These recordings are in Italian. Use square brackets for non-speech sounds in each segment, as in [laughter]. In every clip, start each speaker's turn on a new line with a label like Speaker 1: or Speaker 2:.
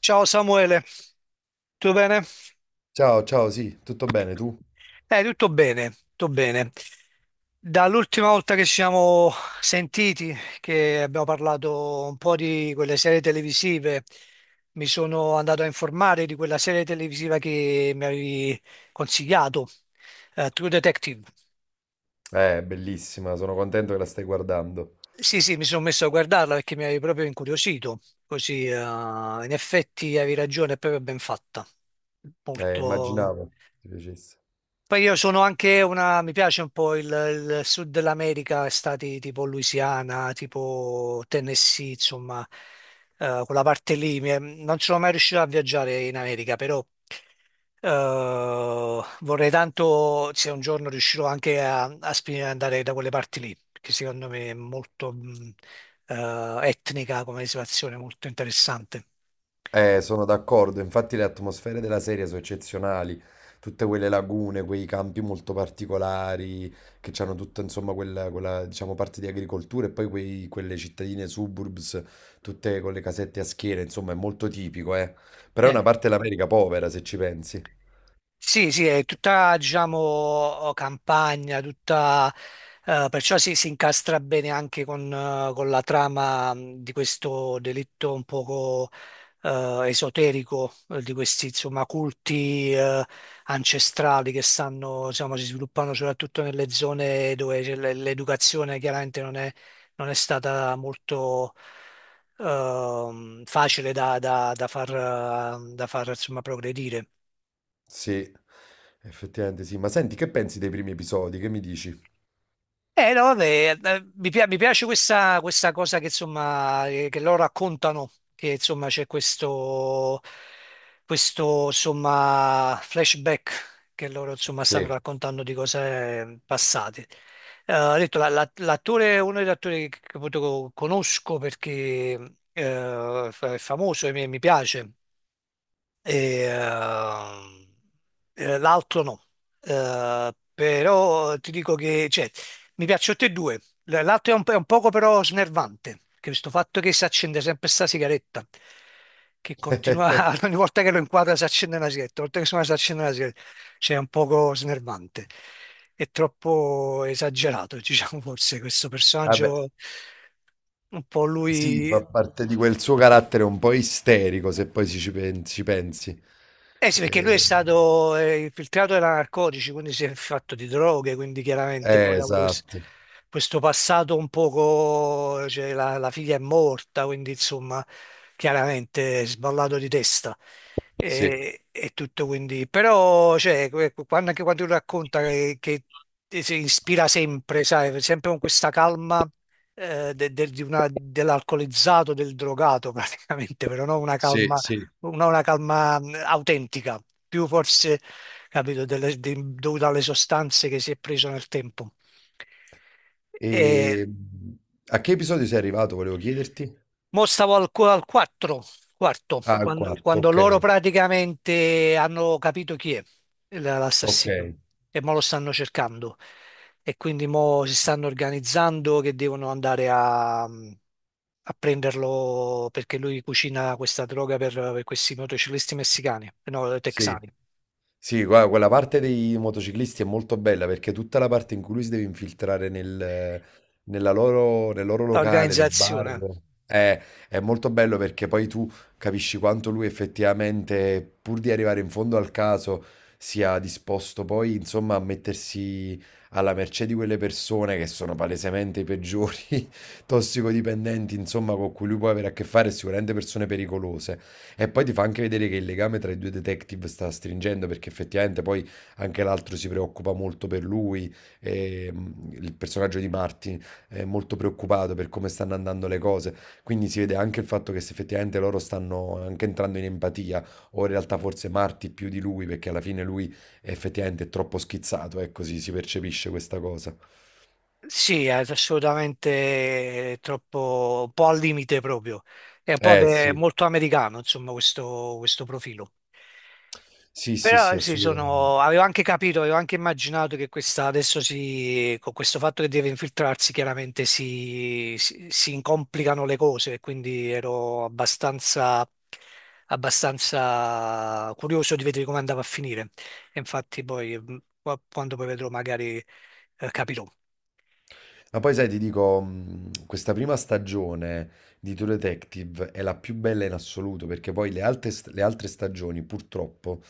Speaker 1: Ciao Samuele, tutto bene?
Speaker 2: Ciao, ciao, sì, tutto bene tu?
Speaker 1: Tutto bene, tutto bene. Dall'ultima volta che ci siamo sentiti, che abbiamo parlato un po' di quelle serie televisive, mi sono andato a informare di quella serie televisiva che mi avevi consigliato, True Detective.
Speaker 2: Bellissima, sono contento che la stai guardando.
Speaker 1: Sì, sì, mi sono messo a guardarla perché mi avevi proprio incuriosito, così in effetti avevi ragione, è proprio ben fatta, molto...
Speaker 2: Immaginavo ti piacesse.
Speaker 1: Poi io sono anche una, mi piace un po' il sud dell'America, stati tipo Louisiana, tipo Tennessee, insomma, quella parte lì. Non sono mai riuscito a viaggiare in America, però vorrei tanto se un giorno riuscirò anche andare da quelle parti lì, che secondo me è molto etnica come situazione, molto interessante.
Speaker 2: Sono d'accordo, infatti le atmosfere della serie sono eccezionali, tutte quelle lagune, quei campi molto particolari, che hanno tutta, insomma, diciamo, parte di agricoltura e poi quelle cittadine suburbs, tutte con le casette a schiera, insomma, è molto tipico, eh. Però è
Speaker 1: Sì.
Speaker 2: una parte dell'America povera, se ci pensi.
Speaker 1: Sì, sì, è tutta, diciamo, campagna, tutta, perciò si, si incastra bene anche con la trama di questo delitto un poco esoterico, di questi, insomma, culti ancestrali che stanno, insomma, si sviluppano soprattutto nelle zone dove c'è l'educazione chiaramente non è, non è stata molto facile da far, da far, insomma, progredire.
Speaker 2: Sì, effettivamente sì. Ma senti, che pensi dei primi episodi? Che mi dici?
Speaker 1: No, vabbè, mi piace questa, questa cosa che, insomma, che loro raccontano, che insomma c'è questo, questo insomma, flashback che loro insomma, stanno
Speaker 2: Sì.
Speaker 1: raccontando di cose passate. Ho detto, l'attore, uno degli attori che appunto conosco perché è famoso e mi piace, e, ehm, l'altro no. Però ti dico che cioè, mi piacciono tutti e due. L'altro è un, po' è un poco però snervante, che questo fatto che si accende sempre sta sigaretta, che
Speaker 2: [laughs]
Speaker 1: continua, [laughs] ogni volta che lo inquadra si accende una sigaretta, ogni volta che suona si accende una sigaretta, cioè è un poco snervante. È troppo esagerato, [laughs] diciamo, forse questo
Speaker 2: Vabbè,
Speaker 1: personaggio, un po'
Speaker 2: sì,
Speaker 1: lui.
Speaker 2: fa parte di quel suo carattere un po' isterico, se poi ci pensi.
Speaker 1: Eh sì, perché lui è
Speaker 2: Eh,
Speaker 1: stato infiltrato da narcotici, quindi si è fatto di droghe, quindi chiaramente poi ha avuto
Speaker 2: esatto,
Speaker 1: questo passato un poco, cioè la figlia è morta, quindi insomma chiaramente è sballato di testa
Speaker 2: sì,
Speaker 1: e tutto quindi, però cioè, quando, anche quando lui racconta che si ispira sempre, sai, sempre con questa calma dell'alcolizzato, del drogato [laughs] praticamente, però no una
Speaker 2: sì,
Speaker 1: calma
Speaker 2: sì.
Speaker 1: una calma autentica, più forse, capito, dovuta alle sostanze che si è preso nel tempo. E
Speaker 2: E a che episodio sei arrivato, volevo chiederti?
Speaker 1: mo stavo al, al 4, quarto,
Speaker 2: Ah, al
Speaker 1: quando,
Speaker 2: quarto,
Speaker 1: quando
Speaker 2: ok,
Speaker 1: loro praticamente hanno capito chi è
Speaker 2: ok,
Speaker 1: l'assassino e mo lo stanno cercando e quindi mo si stanno organizzando che devono andare a prenderlo perché lui cucina questa droga per questi motociclisti messicani, no,
Speaker 2: sì.
Speaker 1: texani.
Speaker 2: Sì, guarda, quella parte dei motociclisti è molto bella perché tutta la parte in cui lui si deve infiltrare nella loro, nel loro locale, nel bar,
Speaker 1: Organizzazione.
Speaker 2: è, è molto bello perché poi tu capisci quanto lui effettivamente, pur di arrivare in fondo al caso, sia disposto poi, insomma, a mettersi alla mercé di quelle persone che sono palesemente i peggiori [laughs] tossicodipendenti, insomma, con cui lui può avere a che fare, sicuramente persone pericolose. E poi ti fa anche vedere che il legame tra i due detective sta stringendo perché effettivamente poi anche l'altro si preoccupa molto per lui, il personaggio di Martin è molto preoccupato per come stanno andando le cose, quindi si vede anche il fatto che se effettivamente loro stanno anche entrando in empatia, o in realtà forse Martin più di lui perché alla fine lui è effettivamente troppo schizzato, ecco, si percepisce questa cosa.
Speaker 1: Sì, è assolutamente troppo, un po' al limite proprio. È un po'
Speaker 2: Eh
Speaker 1: beh,
Speaker 2: sì,
Speaker 1: molto americano, insomma, questo profilo.
Speaker 2: sì, sì, sì,
Speaker 1: Però sì,
Speaker 2: assolutamente.
Speaker 1: sono, avevo anche capito, avevo anche immaginato che questa adesso si, con questo fatto che deve infiltrarsi, chiaramente si, si, si incomplicano le cose, quindi ero abbastanza, abbastanza curioso di vedere come andava a finire. E infatti poi, quando poi vedrò, magari capirò.
Speaker 2: Ma poi sai, ti dico, questa prima stagione di True Detective è la più bella in assoluto, perché poi le altre, le altre stagioni, purtroppo,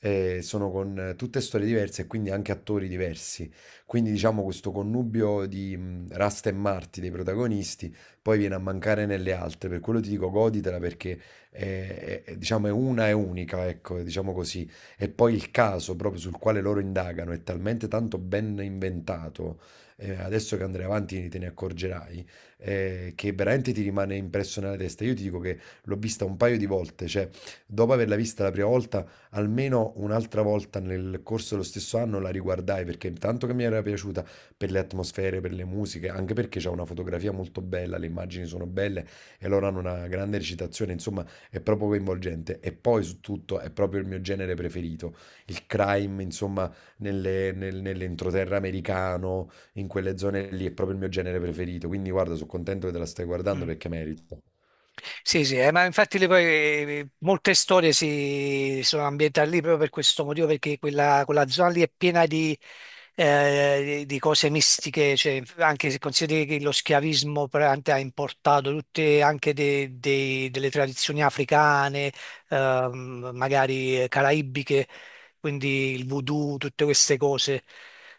Speaker 2: sono con tutte storie diverse e quindi anche attori diversi. Quindi diciamo questo connubio di Rasta e Marti dei protagonisti poi viene a mancare nelle altre, per quello ti dico goditela perché è, diciamo, è una e unica, ecco, diciamo così. E poi il caso proprio sul quale loro indagano è talmente tanto ben inventato, adesso che andrai avanti te ne accorgerai, che veramente ti rimane impresso nella testa. Io ti dico che l'ho vista un paio di volte, cioè dopo averla vista la prima volta almeno un'altra volta nel corso dello stesso anno la riguardai perché tanto che mi era piaciuta per le atmosfere, per le musiche, anche perché c'è una fotografia molto bella, le immagini sono belle e loro hanno una grande recitazione, insomma è proprio coinvolgente e poi su tutto è proprio il mio genere preferito, il crime, insomma nell'entroterra americano, in quelle zone lì è proprio il mio genere preferito, quindi guarda, sono contento che te la stai guardando
Speaker 1: Mm.
Speaker 2: perché merita.
Speaker 1: Sì, sì, ma infatti poi, molte storie si sono ambientate lì proprio per questo motivo, perché quella, quella zona lì è piena di cose mistiche, cioè, anche se consideri che lo schiavismo praticamente ha importato tutte anche delle tradizioni africane, magari caraibiche, quindi il voodoo, tutte queste cose.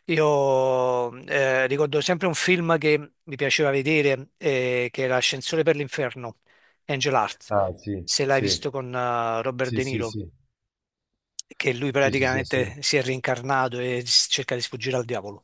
Speaker 1: Io ricordo sempre un film che mi piaceva vedere, che era Ascensore per l'inferno. Angel Heart,
Speaker 2: Ah, sì,
Speaker 1: se l'hai
Speaker 2: sì,
Speaker 1: visto con Robert
Speaker 2: sì,
Speaker 1: De
Speaker 2: sì,
Speaker 1: Niro,
Speaker 2: sì,
Speaker 1: che lui
Speaker 2: sì, sì, sì, sì.
Speaker 1: praticamente si è reincarnato e cerca di sfuggire al diavolo.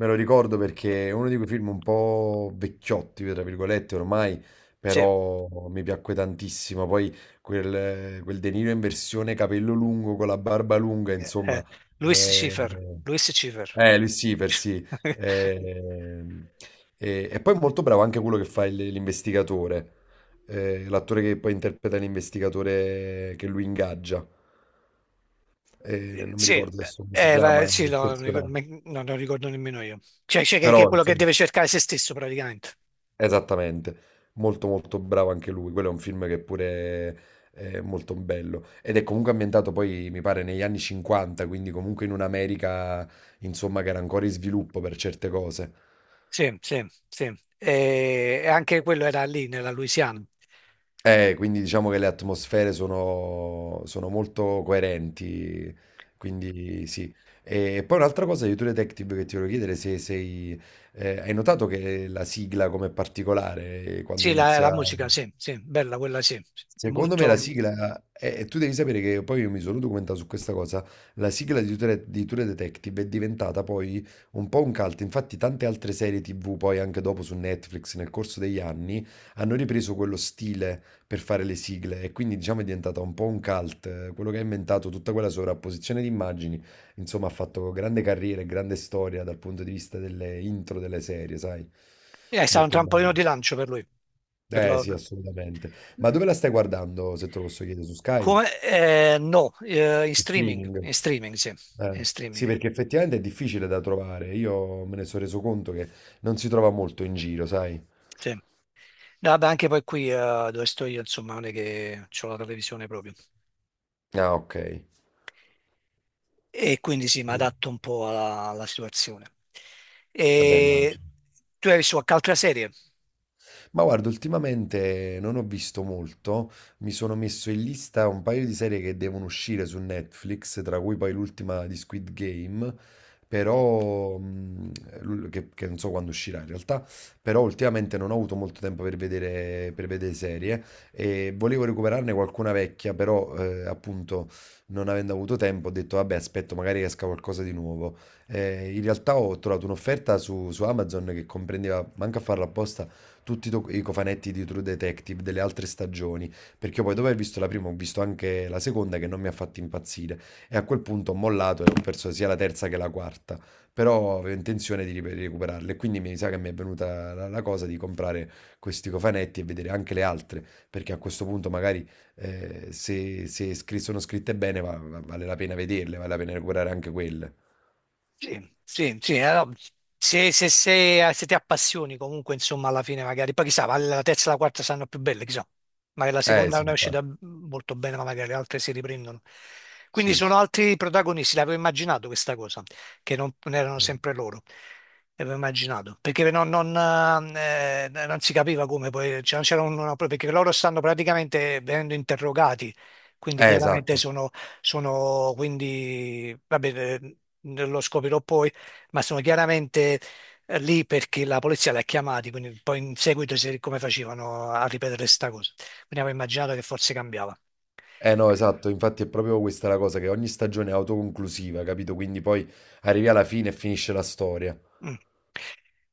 Speaker 2: Me lo ricordo perché è uno di quei film un po' vecchiotti, tra virgolette, ormai,
Speaker 1: Sì,
Speaker 2: però mi piacque tantissimo. Poi quel De Niro in versione capello lungo con la barba lunga,
Speaker 1: eh,
Speaker 2: insomma.
Speaker 1: Louis
Speaker 2: Eh,
Speaker 1: Schiffer, Louis Schiffer.
Speaker 2: lui sì, per sì.
Speaker 1: [laughs]
Speaker 2: Eh, e poi è molto bravo anche quello che fa l'investigatore, l'attore che poi interpreta l'investigatore che lui ingaggia. Non mi
Speaker 1: Sì,
Speaker 2: ricordo adesso come si chiama
Speaker 1: sì,
Speaker 2: il
Speaker 1: no, non ricordo,
Speaker 2: personaggio,
Speaker 1: no, non ricordo nemmeno io. Cioè, cioè che è
Speaker 2: però
Speaker 1: quello che
Speaker 2: insomma.
Speaker 1: deve cercare se stesso praticamente.
Speaker 2: Esattamente, molto molto bravo anche lui, quello è un film che pure è molto bello ed è comunque ambientato poi mi pare negli anni 50, quindi comunque in un'America insomma che era ancora in sviluppo per certe cose.
Speaker 1: Sì, sì, sì. E anche quello era lì nella Louisiana.
Speaker 2: Quindi diciamo che le atmosfere sono molto coerenti, quindi sì. E poi un'altra cosa di True Detective che ti volevo chiedere se sei... hai notato che la sigla come particolare quando
Speaker 1: Sì, la
Speaker 2: inizia...
Speaker 1: musica, sì, sì, bella quella, sì. È
Speaker 2: Secondo me la
Speaker 1: molto...
Speaker 2: sigla, e tu devi sapere che poi io mi sono documentato su questa cosa, la sigla di True Detective è diventata poi un po' un cult, infatti tante altre serie TV poi anche dopo su Netflix nel corso degli anni hanno ripreso quello stile per fare le sigle e quindi diciamo è diventata un po' un cult, quello che ha inventato tutta quella sovrapposizione di immagini, insomma ha fatto grande carriera e grande storia dal punto di vista delle intro delle serie, sai?
Speaker 1: è stato un
Speaker 2: Molto bello.
Speaker 1: trampolino di lancio per lui. Per
Speaker 2: Eh
Speaker 1: lo-
Speaker 2: sì, assolutamente. Ma dove la stai guardando, se te lo posso chiedere, su Sky?
Speaker 1: Come... no,
Speaker 2: In Streaming?
Speaker 1: in streaming, sì, in
Speaker 2: Eh,
Speaker 1: streaming,
Speaker 2: Sì, perché effettivamente è difficile da trovare. Io me ne sono reso conto che non si trova molto in giro, sai?
Speaker 1: sì. No, vabbè, anche poi qui dove sto io, insomma, non è che ho la televisione proprio.
Speaker 2: Ah, ok.
Speaker 1: E quindi sì, mi
Speaker 2: Sì.
Speaker 1: adatto un po' alla, alla situazione.
Speaker 2: Vabbè,
Speaker 1: E
Speaker 2: immagino.
Speaker 1: tu hai visto qualche altra serie?
Speaker 2: Ma guarda, ultimamente non ho visto molto, mi sono messo in lista un paio di serie che devono uscire su Netflix, tra cui poi l'ultima di Squid Game,
Speaker 1: Mm.
Speaker 2: però che non so quando uscirà in realtà, però ultimamente non ho avuto molto tempo per vedere serie e volevo recuperarne qualcuna vecchia, però appunto non avendo avuto tempo ho detto vabbè aspetto magari esca qualcosa di nuovo. In realtà ho trovato un'offerta su Amazon che comprendeva, manca a farla apposta, tutti i cofanetti di True Detective delle altre stagioni, perché io poi dopo
Speaker 1: Mm.
Speaker 2: aver visto la prima ho visto anche la seconda che non mi ha fatto impazzire e a quel punto ho mollato e ho perso sia la terza che la quarta, però avevo intenzione di recuperarle, quindi mi sa che mi è venuta la cosa di comprare questi cofanetti e vedere anche le altre, perché a questo punto magari se, sono scritte bene vale la pena vederle, vale la pena recuperare anche quelle.
Speaker 1: Sì, sì, sì, allora, se, se, se ti appassioni comunque, insomma, alla fine magari, poi chissà, ma la terza e la quarta saranno più belle, chissà, magari la
Speaker 2: Eh
Speaker 1: seconda
Speaker 2: sì,
Speaker 1: non è uscita
Speaker 2: infatti.
Speaker 1: molto bene, ma magari le altre si riprendono. Quindi
Speaker 2: Sì, sì.
Speaker 1: sono altri protagonisti, l'avevo immaginato questa cosa, che non, non erano sempre loro, l'avevo immaginato, perché non, non, non si capiva come poi, cioè, non c'era una, perché loro stanno praticamente venendo interrogati, quindi chiaramente
Speaker 2: Esatto.
Speaker 1: sono quindi, vabbè, lo scoprirò poi, ma sono chiaramente lì perché la polizia li ha chiamati, quindi poi in seguito come facevano a ripetere sta cosa. Quindi avevo immaginato che forse cambiava.
Speaker 2: Eh no, esatto, infatti è proprio questa la cosa, che ogni stagione è autoconclusiva, capito? Quindi poi arrivi alla fine e finisce la storia.
Speaker 1: Mm.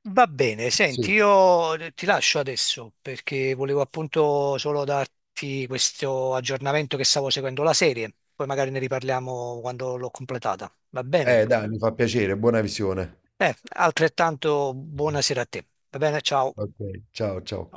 Speaker 1: Va bene, senti,
Speaker 2: Sì.
Speaker 1: io ti lascio adesso perché volevo appunto solo darti questo aggiornamento che stavo seguendo la serie, poi magari ne riparliamo quando l'ho completata. Va bene?
Speaker 2: Dai, mi fa piacere, buona visione.
Speaker 1: Altrettanto buonasera a te. Va bene, ciao.
Speaker 2: Ok. Ciao, ciao.